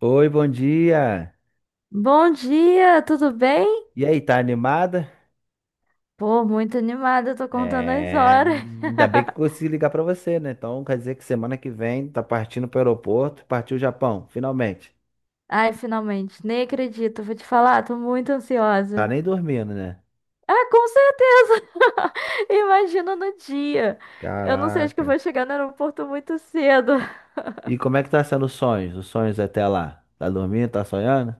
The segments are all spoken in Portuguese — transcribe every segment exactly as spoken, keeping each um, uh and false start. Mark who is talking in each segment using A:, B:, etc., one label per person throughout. A: Oi, bom dia.
B: Bom dia, tudo bem?
A: E aí, tá animada?
B: Pô, muito animada, tô contando as
A: É,
B: horas.
A: ainda bem que eu consegui ligar pra você, né? Então quer dizer que semana que vem tá partindo pro aeroporto, partiu o Japão, finalmente.
B: Ai, finalmente, nem acredito, vou te falar, tô muito
A: Tá
B: ansiosa.
A: nem dormindo, né?
B: Ah, com certeza! Imagina no dia. Eu não sei, acho que eu
A: Caraca.
B: vou chegar no aeroporto muito cedo.
A: E como é que tá sendo os sonhos? Os sonhos até lá? Tá dormindo? Tá sonhando?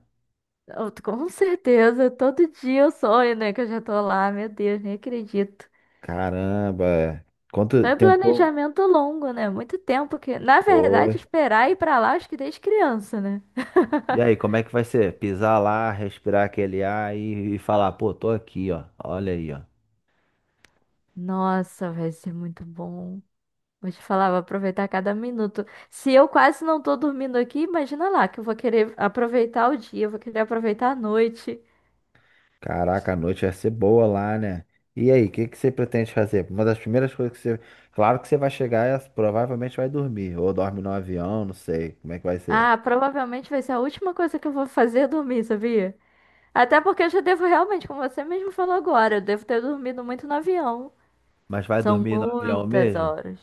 B: Eu tô- com certeza, todo dia eu sonho, né, que eu já tô lá, meu Deus, nem acredito.
A: Caramba. É. Quanto
B: Foi um
A: tentou?
B: planejamento longo, né? Muito tempo que, na verdade,
A: Foi.
B: esperar ir pra lá, acho que desde criança, né?
A: E aí, como é que vai ser? Pisar lá, respirar aquele ar e, e falar, pô, tô aqui, ó. Olha aí, ó.
B: Nossa, vai ser muito bom. Vou te falar, vou aproveitar cada minuto. Se eu quase não tô dormindo aqui, imagina lá que eu vou querer aproveitar o dia, eu vou querer aproveitar a noite.
A: Caraca, a noite vai ser boa lá, né? E aí, o que que você pretende fazer? Uma das primeiras coisas que você. Claro que você vai chegar e provavelmente vai dormir. Ou dorme no avião, não sei como é que vai ser.
B: Ah, provavelmente vai ser a última coisa que eu vou fazer é dormir, sabia? Até porque eu já devo realmente, como você mesmo falou agora, eu devo ter dormido muito no avião.
A: Mas vai
B: São
A: dormir no avião
B: muitas
A: mesmo?
B: horas.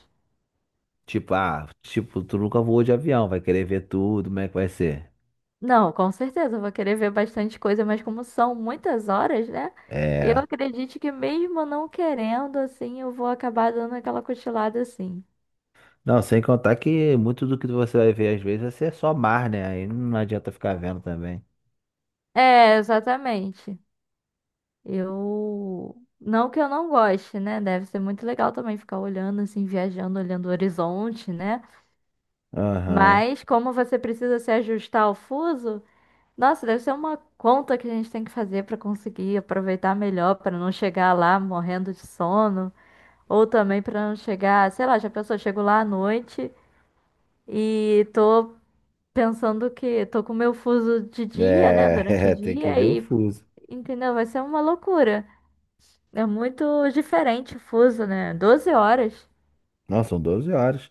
A: Tipo, ah, tipo, tu nunca voou de avião, vai querer ver tudo, como é que vai ser?
B: Não, com certeza, eu vou querer ver bastante coisa, mas como são muitas horas, né? Eu
A: É.
B: acredito que mesmo não querendo, assim, eu vou acabar dando aquela cochilada assim.
A: Não, sem contar que muito do que você vai ver às vezes vai ser só mar, né? Aí não adianta ficar vendo também.
B: É, exatamente. Eu. Não que eu não goste, né? Deve ser muito legal também ficar olhando, assim, viajando, olhando o horizonte, né?
A: Aham.
B: Mas como você precisa se ajustar ao fuso, nossa, deve ser uma conta que a gente tem que fazer para conseguir aproveitar melhor, para não chegar lá morrendo de sono, ou também para não chegar, sei lá, já pensou, chego lá à noite e tô pensando que tô com meu fuso de dia, né? Durante o
A: É, tem que
B: dia
A: ver o
B: e,
A: fuso.
B: Entendeu? Vai ser uma loucura. É muito diferente o fuso, né? Doze horas.
A: Não, são doze horas.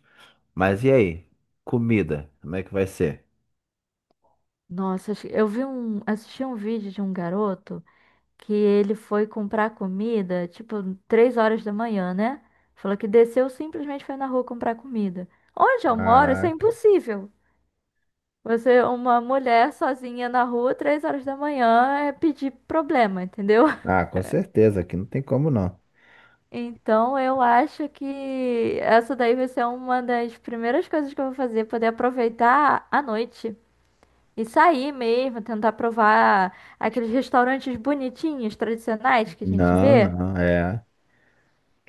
A: Mas e aí? Comida, como é que vai ser?
B: Nossa, acho- eu vi um, assisti um vídeo de um garoto que ele foi comprar comida, tipo, três horas da manhã, né? Falou que desceu, simplesmente foi na rua comprar comida. Onde eu moro, isso é
A: Caraca.
B: impossível. Você, uma mulher sozinha na rua, três horas da manhã, é pedir problema, entendeu?
A: Ah, com certeza, aqui não tem como não.
B: Então, eu acho que essa daí vai ser uma das primeiras coisas que eu vou fazer, poder aproveitar a noite. E sair mesmo, tentar provar aqueles restaurantes bonitinhos, tradicionais que a gente
A: Não,
B: vê.
A: não, é.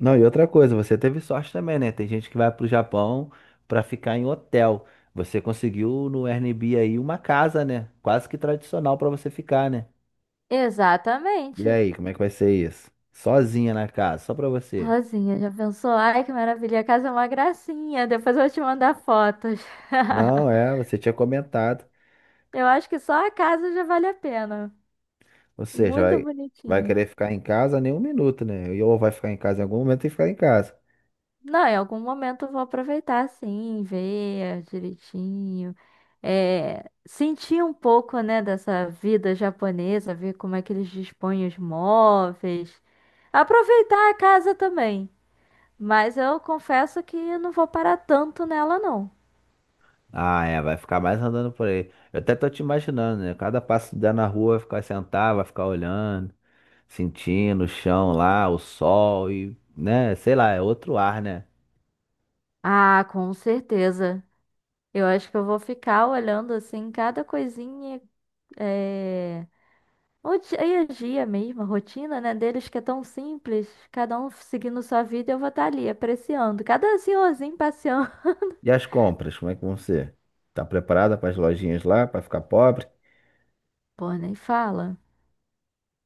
A: Não, e outra coisa, você teve sorte também, né? Tem gente que vai pro Japão pra ficar em hotel. Você conseguiu no Airbnb aí uma casa, né? Quase que tradicional pra você ficar, né? E
B: Exatamente.
A: aí, como é que vai ser isso? Sozinha na casa, só pra você.
B: Sozinha, já pensou? Ai, que maravilha, a casa é uma gracinha. Depois eu vou te mandar fotos.
A: Não, é, você tinha comentado.
B: Eu acho que só a casa já vale a pena.
A: Ou seja,
B: Muito
A: vai, vai
B: bonitinha.
A: querer ficar em casa nem um minuto, né? Ou vai ficar em casa em algum momento e ficar em casa.
B: Não, em algum momento eu vou aproveitar sim, ver direitinho, é, sentir um pouco, né, dessa vida japonesa, ver como é que eles dispõem os móveis, aproveitar a casa também. Mas eu confesso que eu não vou parar tanto nela, não.
A: Ah, é, vai ficar mais andando por aí. Eu até tô te imaginando, né? Cada passo que der na rua vai ficar sentado, vai ficar olhando, sentindo o chão lá, o sol e, né? Sei lá, é outro ar, né?
B: Ah, com certeza. Eu acho que eu vou ficar olhando assim cada coisinha, eh, o dia e a dia mesmo, a rotina, né, deles que é tão simples, cada um seguindo sua vida, eu vou estar ali apreciando, cada senhorzinho passeando.
A: E as compras, como é que vão ser? Tá preparada para as lojinhas lá, para ficar pobre?
B: Pô, nem fala.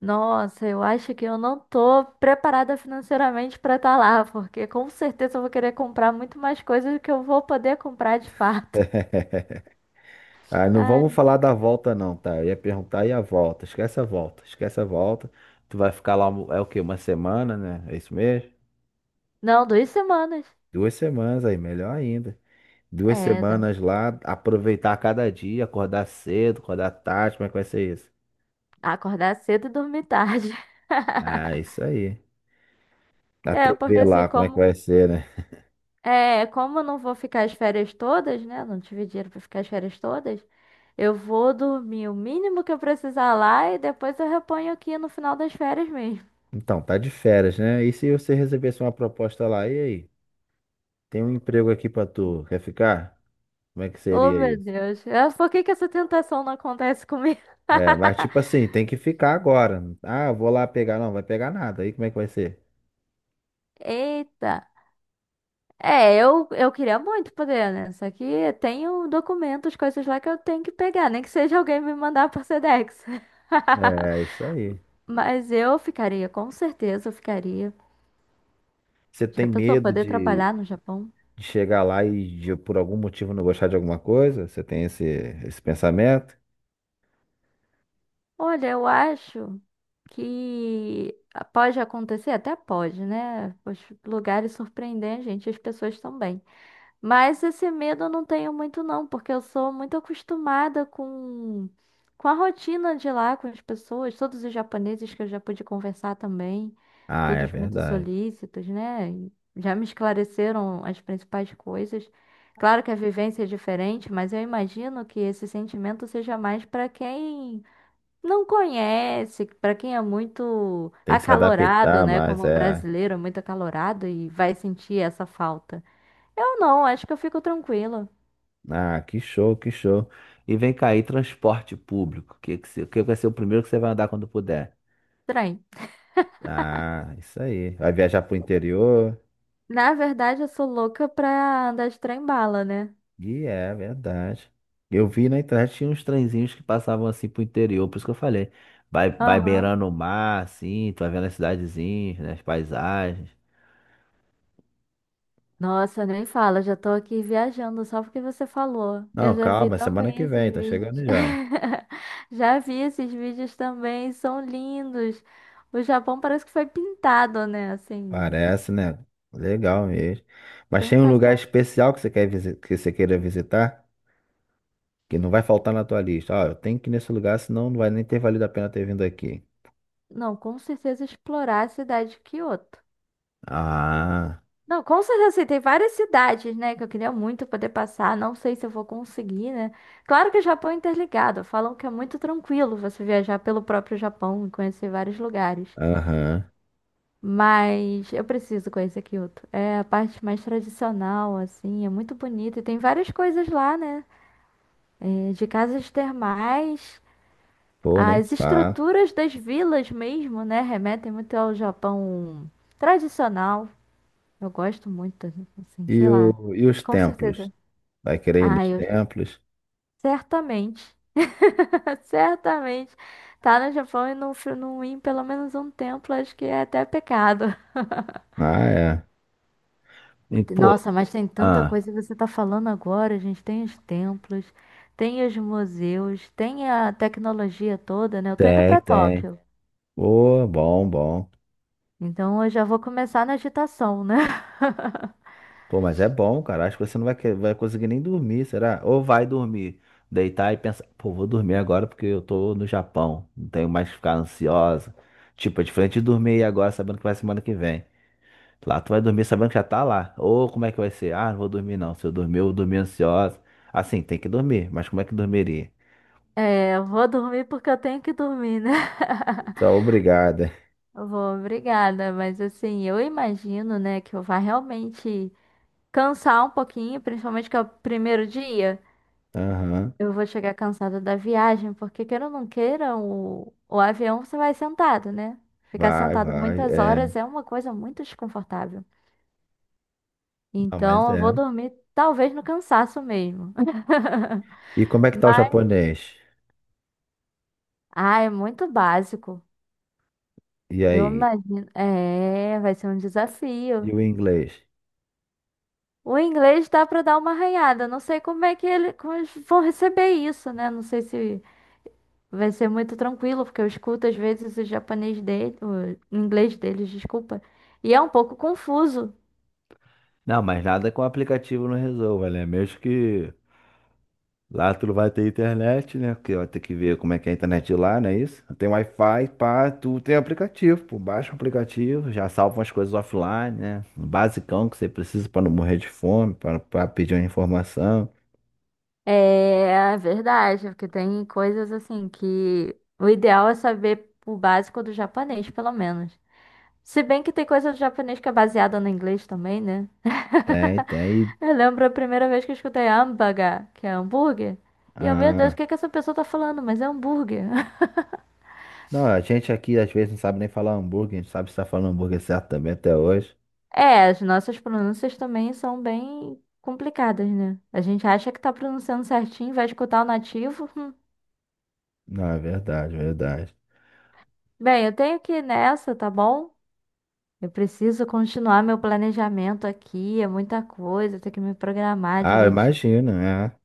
B: Nossa, eu acho que eu não tô preparada financeiramente pra estar lá, porque com certeza eu vou querer comprar muito mais coisas do que eu vou poder comprar de fato.
A: Ah, não
B: Ai,
A: vamos falar da volta não, tá? Eu ia perguntar e a volta? Esquece a volta, esquece a volta. Tu vai ficar lá, é o quê? Uma semana, né? É isso mesmo?
B: não, duas semanas.
A: Duas semanas aí, melhor ainda. Duas
B: É,
A: semanas lá, aproveitar cada dia, acordar cedo, acordar tarde, como é que vai ser isso?
B: acordar cedo e dormir tarde.
A: Ah, isso aí. A
B: É, porque
A: T V
B: assim,
A: lá, como é que
B: como,
A: vai ser, né?
B: é, como eu não vou ficar as férias todas, né? Não tive dinheiro pra ficar as férias todas. Eu vou dormir o mínimo que eu precisar lá e depois eu reponho aqui no final das férias mesmo.
A: Então, tá de férias, né? E se você recebesse uma proposta lá, e aí? Tem um emprego aqui pra tu, quer ficar? Como é que
B: Oh,
A: seria
B: meu
A: isso?
B: Deus. É, por que que essa tentação não acontece comigo?
A: É, mas tipo assim, tem que ficar agora. Ah, eu vou lá pegar. Não, vai pegar nada. Aí como é que vai ser?
B: Eita. É, eu, eu queria muito poder, né? Só que tenho documentos, coisas lá que eu tenho que pegar, nem que seja alguém me mandar por Sedex.
A: É, isso aí.
B: Mas eu ficaria, com certeza eu ficaria.
A: Você
B: Já
A: tem
B: pensou
A: medo
B: poder
A: de,
B: trabalhar no Japão?
A: de chegar lá e de, por algum motivo não gostar de alguma coisa? Você tem esse, esse pensamento?
B: Olha, eu acho que pode acontecer, até pode, né? Os lugares surpreendem a gente, as pessoas também. Mas esse medo eu não tenho muito, não, porque eu sou muito acostumada com, com a rotina de lá, com as pessoas, todos os japoneses que eu já pude conversar também,
A: Ah, é
B: todos muito
A: verdade.
B: solícitos, né? E já me esclareceram as principais coisas. Claro que a vivência é diferente, mas eu imagino que esse sentimento seja mais para quem não conhece, para quem é muito
A: Tem que se
B: acalorado,
A: adaptar,
B: né,
A: mas
B: como
A: é.
B: brasileiro, é muito acalorado e vai sentir essa falta. Eu não, acho que eu fico tranquila.
A: Ah, que show, que show. E vem cá aí, transporte público. O que, que, se- que vai ser o primeiro que você vai andar quando puder?
B: Trem.
A: Ah, isso aí. Vai viajar pro interior?
B: Na verdade, eu sou louca pra andar de trem-bala, né?
A: E é verdade. Eu vi na internet tinha uns trenzinhos que passavam assim pro interior, por isso que eu falei. Vai, vai
B: Aham.
A: beirando o mar, assim, tu vai vendo as cidadezinhas, né, as paisagens.
B: Nossa, nem fala, já tô aqui viajando só porque você falou. Eu
A: Não,
B: já vi
A: calma, semana
B: também
A: que vem,
B: esses
A: tá
B: vídeos.
A: chegando já.
B: Já vi esses vídeos também, são lindos. O Japão parece que foi pintado, né? Assim,
A: Parece, né? Legal mesmo. Mas
B: sem
A: tem um lugar
B: passar.
A: especial que você quer visi- que você queira visitar, que não vai faltar na tua lista. Ó, eu tenho que ir nesse lugar, senão não vai nem ter valido a pena ter vindo aqui.
B: Não, com certeza explorar a cidade de Kyoto.
A: Ah,
B: Não, com certeza, assim, tem várias cidades, né, que eu queria muito poder passar. Não sei se eu vou conseguir, né? Claro que o Japão é interligado. Falam que é muito tranquilo você viajar pelo próprio Japão e conhecer vários lugares.
A: aham.
B: Mas eu preciso conhecer Kyoto. É a parte mais tradicional, assim, é muito bonita. E tem várias coisas lá, né? É, de casas termais,
A: Pô, nem
B: as
A: fala.
B: estruturas das vilas mesmo, né? Remetem muito ao Japão tradicional. Eu gosto muito, assim,
A: E,
B: sei lá.
A: o, e os
B: Com
A: templos?
B: certeza.
A: Vai querer ir
B: Ah,
A: nos
B: eu
A: templos?
B: certamente, certamente. Tá no Japão e não, fui- não ir em pelo menos um templo, acho que é até pecado.
A: Ah, é. E, pô,
B: Nossa, mas tem tanta
A: ah,
B: coisa que você tá falando agora, gente. Tem os templos, tem os museus, tem a tecnologia toda, né? Eu tô indo
A: tem,
B: pra
A: tem.
B: Tóquio.
A: Pô, bom, bom.
B: Então eu já vou começar na agitação, né?
A: Pô, mas é bom, cara. Acho que você não vai, que- vai conseguir nem dormir, será? Ou vai dormir, deitar e pensar, pô, vou dormir agora porque eu tô no Japão. Não tenho mais que ficar ansiosa. Tipo, é diferente de dormir agora sabendo que vai semana que vem. Lá tu vai dormir sabendo que já tá lá. Ou como é que vai ser? Ah, não vou dormir não. Se eu dormir, eu vou dormir ansiosa. Assim, tem que dormir, mas como é que dormiria?
B: É, eu vou dormir porque eu tenho que dormir, né?
A: Tá, obrigada.
B: Eu vou, obrigada. Mas assim, eu imagino, né, que eu vá realmente cansar um pouquinho, principalmente que é o primeiro dia.
A: Aham.
B: Eu vou chegar cansada da viagem, porque queira ou não queira, o, o avião você vai sentado, né? Ficar
A: Vai,
B: sentado
A: vai.
B: muitas
A: É.
B: horas é uma coisa muito desconfortável.
A: Não, mas
B: Então, eu vou
A: é.
B: dormir, talvez no cansaço mesmo.
A: E como é que tá o
B: Mas,
A: japonês?
B: ah, é muito básico.
A: E
B: Eu
A: aí?
B: imagino. É, vai ser um
A: E
B: desafio.
A: o inglês?
B: O inglês dá para dar uma arranhada. Não sei como é que ele, como eles vão receber isso, né? Não sei se vai ser muito tranquilo, porque eu escuto às vezes o japonês dele, o inglês deles, desculpa, e é um pouco confuso.
A: Não, mas nada com o aplicativo não resolva, né? Mesmo que lá tu não vai ter internet, né? Porque vai ter que ver como é que é a internet de lá, não é isso? Tem Wi-Fi, pá, tu tem aplicativo, pô. Baixa o aplicativo, já salva umas coisas offline, né? O basicão que você precisa pra não morrer de fome, pra pra pedir uma informação.
B: É, é verdade, porque tem coisas assim que o ideal é saber o básico do japonês, pelo menos. Se bem que tem coisa do japonês que é baseada no inglês também, né?
A: Tem, tem.
B: Eu lembro a primeira vez que eu escutei hambúrguer, que é hambúrguer. E eu, meu Deus, o
A: Ah.
B: que é que essa pessoa tá falando? Mas é hambúrguer.
A: Não, a gente aqui às vezes não sabe nem falar hambúrguer, a gente sabe se tá falando hambúrguer certo também até hoje.
B: É, as nossas pronúncias também são bem complicadas, né? A gente acha que tá pronunciando certinho, vai escutar o nativo. Hum.
A: Não, é verdade, é verdade.
B: Bem, eu tenho que ir nessa, tá bom? Eu preciso continuar meu planejamento aqui, é muita coisa, tenho que me programar
A: Ah,
B: direitinho.
A: imagina, é.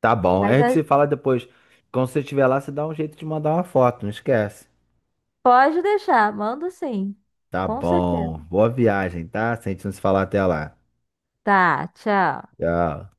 A: Tá bom. A
B: Mas
A: gente
B: é-
A: se fala depois. Quando você estiver lá, você dá um jeito de mandar uma foto, não esquece.
B: Pode deixar, mando sim.
A: Tá
B: Com certeza.
A: bom. Boa viagem, tá? Se a gente não se falar até lá.
B: Tá, tchau.
A: Tchau.